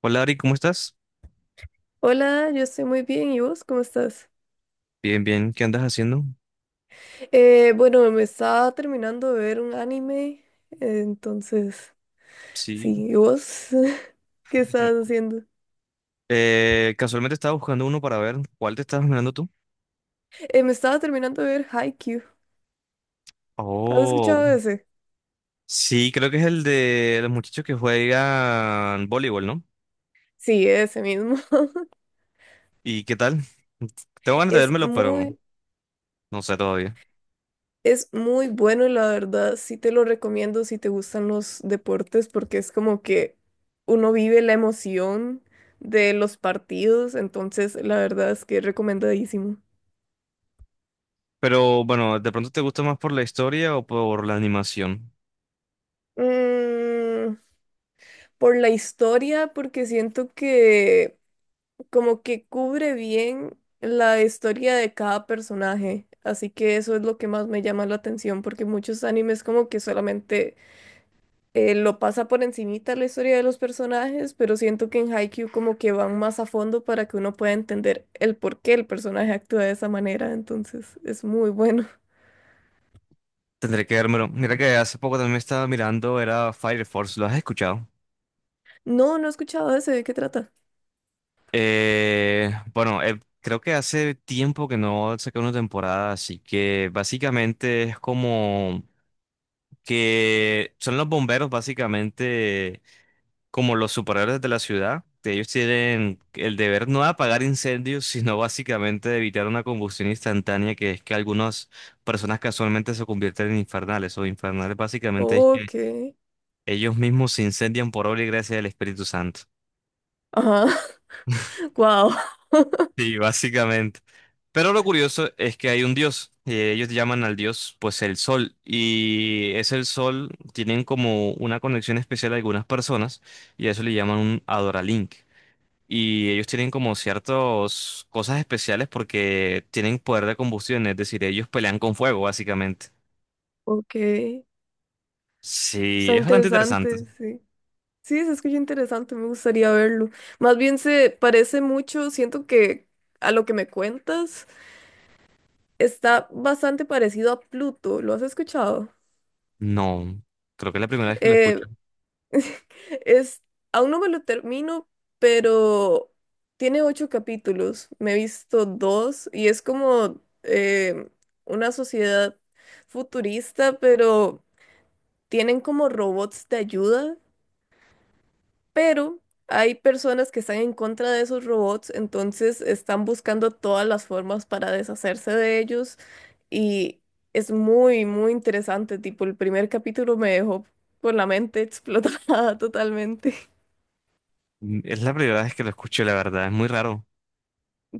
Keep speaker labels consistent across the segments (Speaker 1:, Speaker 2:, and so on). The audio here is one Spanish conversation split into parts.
Speaker 1: Hola Ari, ¿cómo estás?
Speaker 2: Hola, yo estoy muy bien. ¿Y vos cómo estás?
Speaker 1: Bien, bien, ¿qué andas haciendo?
Speaker 2: Bueno, Me estaba terminando de ver un anime, entonces,
Speaker 1: Sí.
Speaker 2: sí, ¿y vos qué estabas haciendo?
Speaker 1: Casualmente estaba buscando uno para ver cuál te estabas mirando tú.
Speaker 2: Me estaba terminando de ver Haikyuu. ¿Has
Speaker 1: Oh,
Speaker 2: escuchado de ese?
Speaker 1: sí, creo que es el de los muchachos que juegan voleibol, ¿no?
Speaker 2: Sí, ese mismo.
Speaker 1: ¿Y qué tal? Tengo ganas de
Speaker 2: Es
Speaker 1: vérmelo, pero
Speaker 2: muy,
Speaker 1: no sé todavía.
Speaker 2: es muy bueno, la verdad. Sí te lo recomiendo si te gustan los deportes, porque es como que uno vive la emoción de los partidos, entonces la verdad es que es recomendadísimo.
Speaker 1: Pero bueno, ¿de pronto te gusta más por la historia o por la animación?
Speaker 2: Mm, por la historia, porque siento que como que cubre bien la historia de cada personaje. Así que eso es lo que más me llama la atención, porque muchos animes como que solamente lo pasa por encimita la historia de los personajes, pero siento que en Haikyuu como que van más a fondo para que uno pueda entender el por qué el personaje actúa de esa manera, entonces es muy bueno.
Speaker 1: Tendré que vérmelo. Mira que hace poco también estaba mirando, era Fire Force, ¿lo has escuchado?
Speaker 2: No, no he escuchado ese, ¿de qué trata?
Speaker 1: Bueno, creo que hace tiempo que no saqué una temporada, así que básicamente es como que son los bomberos básicamente como los superhéroes de la ciudad, que ellos tienen el deber no de apagar incendios, sino básicamente de evitar una combustión instantánea, que es que algunas personas casualmente se convierten en infernales, o infernales básicamente es que
Speaker 2: Ok.
Speaker 1: ellos mismos se incendian por obra y gracia del Espíritu Santo.
Speaker 2: Ajá. Wow.
Speaker 1: Sí, básicamente. Pero lo curioso es que hay un dios. Ellos llaman al dios, pues, el sol. Y es el sol, tienen como una conexión especial a algunas personas y a eso le llaman un Adoralink. Y ellos tienen como ciertas cosas especiales porque tienen poder de combustión, es decir, ellos pelean con fuego, básicamente.
Speaker 2: Ok.
Speaker 1: Sí,
Speaker 2: Está
Speaker 1: es bastante interesante.
Speaker 2: interesante, sí. Sí, se escucha interesante, me gustaría verlo. Más bien se parece mucho, siento que a lo que me cuentas está bastante parecido a Pluto, ¿lo has escuchado?
Speaker 1: No, creo que es la primera vez que lo
Speaker 2: Eh,
Speaker 1: escucho.
Speaker 2: es, aún no me lo termino, pero tiene 8 capítulos, me he visto dos y es como una sociedad futurista, pero tienen como robots de ayuda pero hay personas que están en contra de esos robots, entonces están buscando todas las formas para deshacerse de ellos y es muy, muy interesante, tipo el primer capítulo me dejó con la mente explotada totalmente.
Speaker 1: Es la primera vez que lo escucho, la verdad, es muy raro.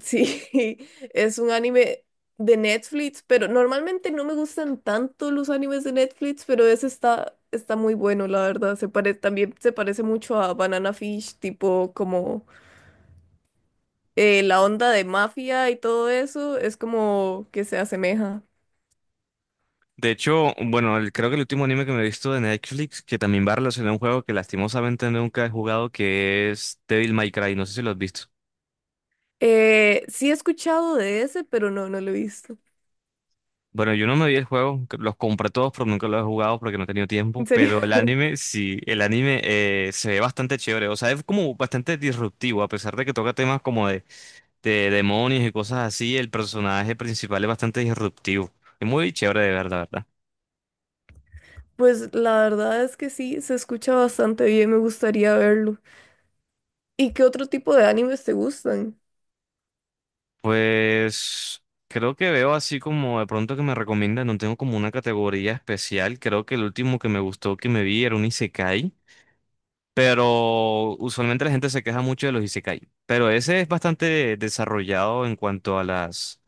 Speaker 2: Sí, es un anime de Netflix, pero normalmente no me gustan tanto los animes de Netflix, pero ese está, está muy bueno, la verdad. También se parece mucho a Banana Fish, tipo como la onda de mafia y todo eso es como que se asemeja.
Speaker 1: De hecho, bueno, creo que el último anime que me he visto de Netflix, que también va relacionado a un juego que lastimosamente nunca he jugado, que es Devil May Cry, no sé si lo has visto.
Speaker 2: Sí he escuchado de ese, pero no, no lo he visto.
Speaker 1: Bueno, yo no me vi el juego, que los compré todos, pero nunca los he jugado porque no he tenido
Speaker 2: ¿En
Speaker 1: tiempo,
Speaker 2: serio?
Speaker 1: pero el anime, sí, el anime se ve bastante chévere, o sea, es como bastante disruptivo, a pesar de que toca temas como de demonios y cosas así, el personaje principal es bastante disruptivo, es muy chévere de ver, la verdad.
Speaker 2: Pues la verdad es que sí, se escucha bastante bien, me gustaría verlo. ¿Y qué otro tipo de animes te gustan?
Speaker 1: Pues creo que veo así como de pronto que me recomiendan, no tengo como una categoría especial, creo que el último que me gustó que me vi era un isekai, pero usualmente la gente se queja mucho de los isekai, pero ese es bastante desarrollado en cuanto a las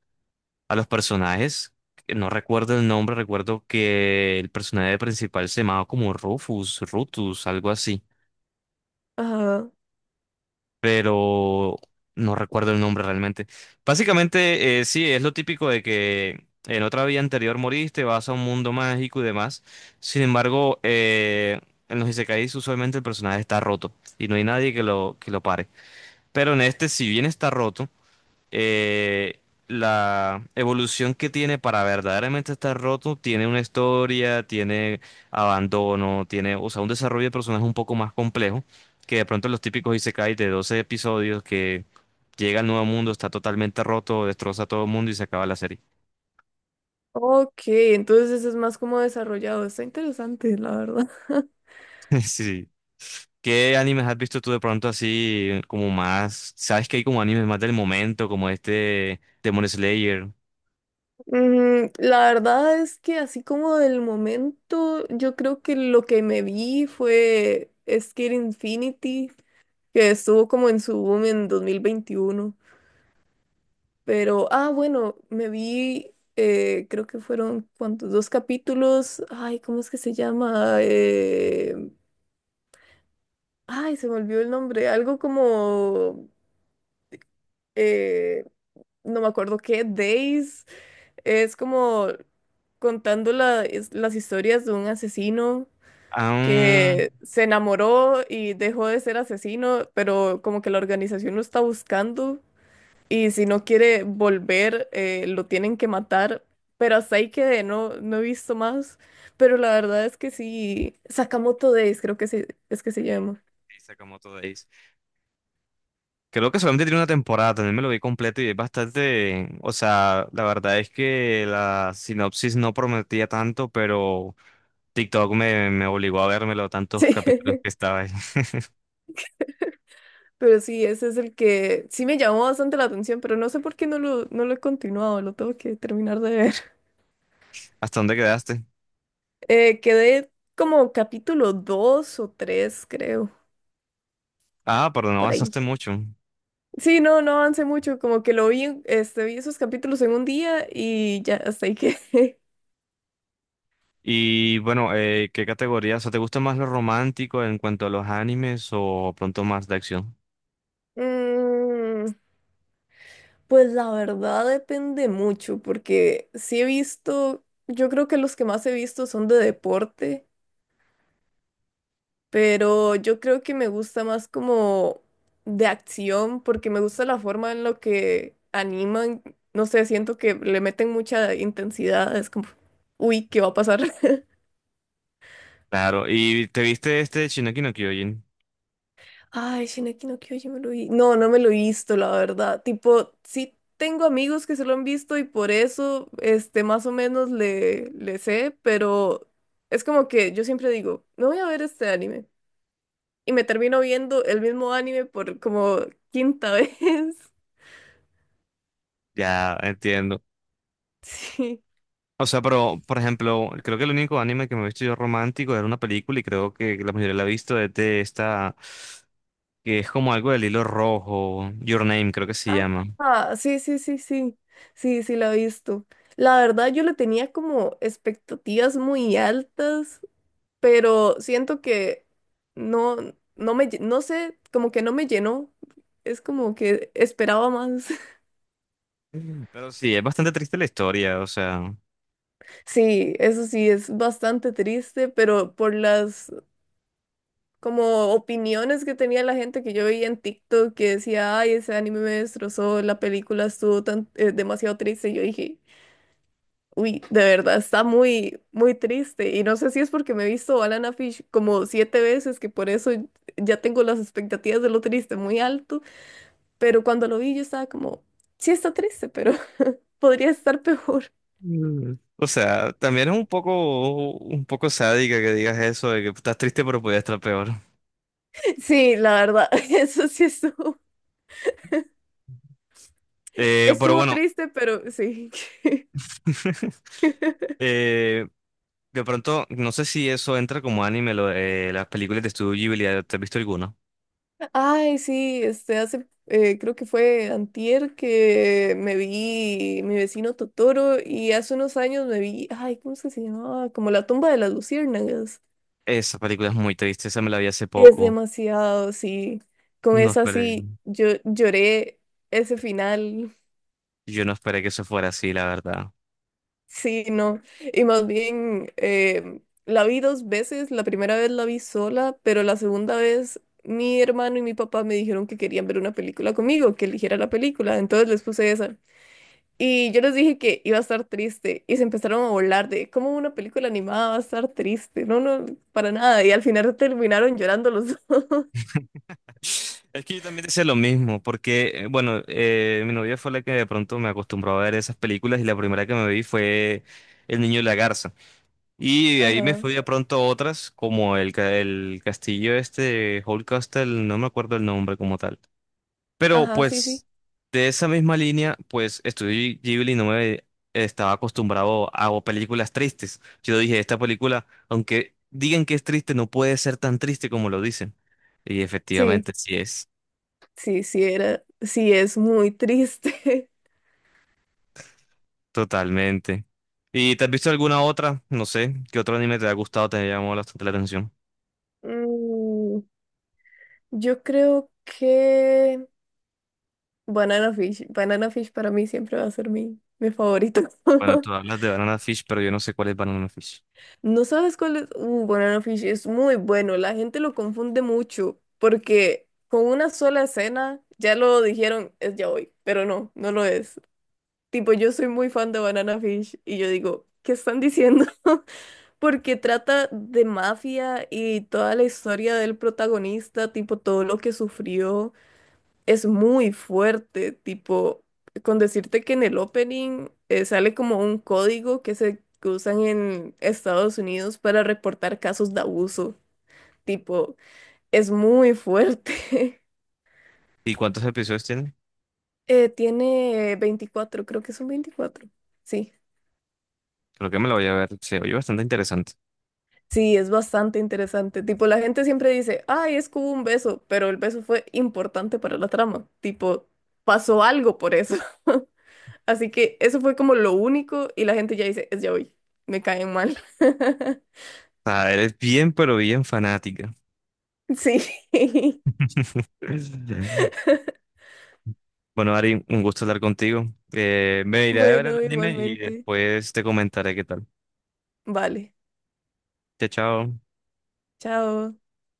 Speaker 1: a los personajes, que no recuerdo el nombre, recuerdo que el personaje principal se llamaba como Rufus, Rutus, algo así.
Speaker 2: Ajá.
Speaker 1: Pero no recuerdo el nombre realmente. Básicamente, sí, es lo típico de que en otra vida anterior moriste, vas a un mundo mágico y demás. Sin embargo, en los Isekais usualmente el personaje está roto y no hay nadie que lo pare. Pero en este, si bien está roto, eh, la evolución que tiene para verdaderamente estar roto tiene una historia, tiene abandono, tiene, o sea, un desarrollo de personaje un poco más complejo que de pronto los típicos isekai de 12 episodios que llega al nuevo mundo, está totalmente roto, destroza a todo el mundo y se acaba la serie.
Speaker 2: Ok, entonces es más como desarrollado. Está interesante, la verdad.
Speaker 1: Sí. ¿Qué animes has visto tú de pronto así como más? ¿Sabes que hay como animes más del momento, como este Demon Slayer?
Speaker 2: La verdad es que así como del momento, yo creo que lo que me vi fue Skate Infinity, que estuvo como en su boom en 2021. Pero, ah, bueno, me vi, creo que fueron, ¿cuántos? Dos capítulos. Ay, ¿cómo es que se llama? Se me olvidó el nombre. Algo como, eh, no me acuerdo qué, Days. Es como las historias de un asesino
Speaker 1: Ah, um,
Speaker 2: que se enamoró y dejó de ser asesino, pero como que la organización lo está buscando. Y si no quiere volver, lo tienen que matar. Pero hasta ahí quedé, no, no he visto más. Pero la verdad es que sí, Sakamoto Days creo que es que se llama.
Speaker 1: Sakamoto Days. Creo que solamente tiene una temporada, también me lo vi completo y es bastante, o sea, la verdad es que la sinopsis no prometía tanto, pero TikTok me obligó a vérmelo tantos
Speaker 2: Sí,
Speaker 1: capítulos que estaba ahí.
Speaker 2: pero sí, ese es el que sí me llamó bastante la atención, pero no sé por qué no lo he continuado, lo tengo que terminar de ver.
Speaker 1: ¿Hasta dónde quedaste?
Speaker 2: Quedé como capítulo 2 o 3 creo,
Speaker 1: Ah, perdón, no
Speaker 2: por
Speaker 1: avanzaste
Speaker 2: ahí.
Speaker 1: mucho.
Speaker 2: Sí, no, no avancé mucho, como que lo vi, vi esos capítulos en un día y ya hasta ahí quedé.
Speaker 1: Y bueno, ¿qué categoría? O sea, ¿te gusta más lo romántico en cuanto a los animes o pronto más de acción?
Speaker 2: Mm, pues la verdad depende mucho, porque sí he visto, yo creo que los que más he visto son de deporte, pero yo creo que me gusta más como de acción, porque me gusta la forma en la que animan, no sé, siento que le meten mucha intensidad, es como, uy, ¿qué va a pasar?
Speaker 1: Claro, ¿y te viste este Shingeki no Kyojin?
Speaker 2: Ay, Shingeki no Kyojin me lo vi. No, no me lo he visto, la verdad. Tipo, sí tengo amigos que se lo han visto y por eso, este, más o menos le sé, pero es como que yo siempre digo, no voy a ver este anime. Y me termino viendo el mismo anime por como quinta vez.
Speaker 1: Ya, entiendo.
Speaker 2: Sí.
Speaker 1: O sea, pero, por ejemplo, creo que el único anime que me he visto yo romántico era una película y creo que la mayoría la ha visto es de esta, que es como algo del hilo rojo, Your Name creo que se
Speaker 2: Ah,
Speaker 1: llama.
Speaker 2: ah, sí. Sí, sí, la he visto. La verdad, yo le tenía como expectativas muy altas pero siento que no, no sé, como que no me llenó. Es como que esperaba más.
Speaker 1: Mm. Pero sí, es bastante triste la historia, o sea.
Speaker 2: Sí, eso sí, es bastante triste, pero por las como opiniones que tenía la gente que yo veía en TikTok que decía, ay, ese anime me destrozó, la película estuvo tan, demasiado triste, yo dije, uy, de verdad, está muy, muy triste. Y no sé si es porque me he visto Banana Fish como 7 veces, que por eso ya tengo las expectativas de lo triste muy alto. Pero cuando lo vi yo estaba como, sí está triste, pero podría estar peor.
Speaker 1: Mm. O sea, también es un poco sádica que digas eso, de que estás triste pero podías estar peor.
Speaker 2: Sí, la verdad, eso sí estuvo,
Speaker 1: Pero
Speaker 2: estuvo
Speaker 1: bueno,
Speaker 2: triste, pero sí.
Speaker 1: eh, de pronto, no sé si eso entra como anime, lo de las películas de Estudio Ghibli, ¿te has visto alguna?
Speaker 2: Ay, sí, hace, creo que fue antier que me vi Mi Vecino Totoro y hace unos años me vi, ay, ¿cómo es que se llamaba? Como La Tumba de las Luciérnagas.
Speaker 1: Esa película es muy triste, esa me la vi hace
Speaker 2: Es
Speaker 1: poco.
Speaker 2: demasiado, sí. Con
Speaker 1: No
Speaker 2: esa
Speaker 1: esperé,
Speaker 2: sí, yo lloré ese final.
Speaker 1: yo no esperé que eso fuera así, la verdad.
Speaker 2: Sí, no. Y más bien, la vi dos veces. La primera vez la vi sola, pero la segunda vez mi hermano y mi papá me dijeron que querían ver una película conmigo, que eligiera la película. Entonces les puse esa. Y yo les dije que iba a estar triste y se empezaron a burlar de cómo una película animada va a estar triste. No, no, para nada. Y al final terminaron llorando los dos.
Speaker 1: Es que yo también decía lo mismo, porque, bueno, mi novia fue la que de pronto me acostumbró a ver esas películas y la primera que me vi fue El Niño y la Garza. Y de ahí me
Speaker 2: Ajá,
Speaker 1: fui de pronto a otras, como el castillo este, Hall Castle, no me acuerdo el nombre como tal. Pero
Speaker 2: ajá, sí, sí.
Speaker 1: pues de esa misma línea, pues Estudio Ghibli no me estaba acostumbrado a o películas tristes. Yo dije, esta película, aunque digan que es triste, no puede ser tan triste como lo dicen. Y
Speaker 2: Sí,
Speaker 1: efectivamente sí es,
Speaker 2: sí, sí, era, sí, es muy triste.
Speaker 1: totalmente. ¿Y te has visto alguna otra? No sé, ¿qué otro anime te ha gustado, te ha llamado bastante la atención?
Speaker 2: Mm, yo creo que... Banana Fish. Banana Fish para mí siempre va a ser mi favorito.
Speaker 1: Bueno, tú hablas de Banana Fish, pero yo no sé cuál es Banana Fish.
Speaker 2: ¿No sabes cuál es? Banana Fish es muy bueno. La gente lo confunde mucho porque con una sola escena ya lo dijeron, es ya hoy, pero no, no lo es. Tipo, yo soy muy fan de Banana Fish y yo digo, ¿qué están diciendo? Porque trata de mafia y toda la historia del protagonista, tipo todo lo que sufrió. Es muy fuerte, tipo, con decirte que en el opening sale como un código que se que usan en Estados Unidos para reportar casos de abuso, tipo, es muy fuerte.
Speaker 1: ¿Y cuántos episodios tiene?
Speaker 2: Tiene 24, creo que son 24. Sí,
Speaker 1: Creo que me lo voy a ver, se oye bastante interesante.
Speaker 2: sí, es bastante interesante. Tipo, la gente siempre dice, ay, es que hubo un beso, pero el beso fue importante para la trama, tipo, pasó algo por eso. Así que eso fue como lo único y la gente ya dice, es ya hoy, me caen mal.
Speaker 1: O sea, eres bien, pero bien fanática.
Speaker 2: Sí.
Speaker 1: Bueno, Ari, un gusto hablar contigo. Me iré a ver el
Speaker 2: Bueno,
Speaker 1: anime y
Speaker 2: igualmente.
Speaker 1: después te comentaré qué tal.
Speaker 2: Vale,
Speaker 1: Chao, chao.
Speaker 2: chao.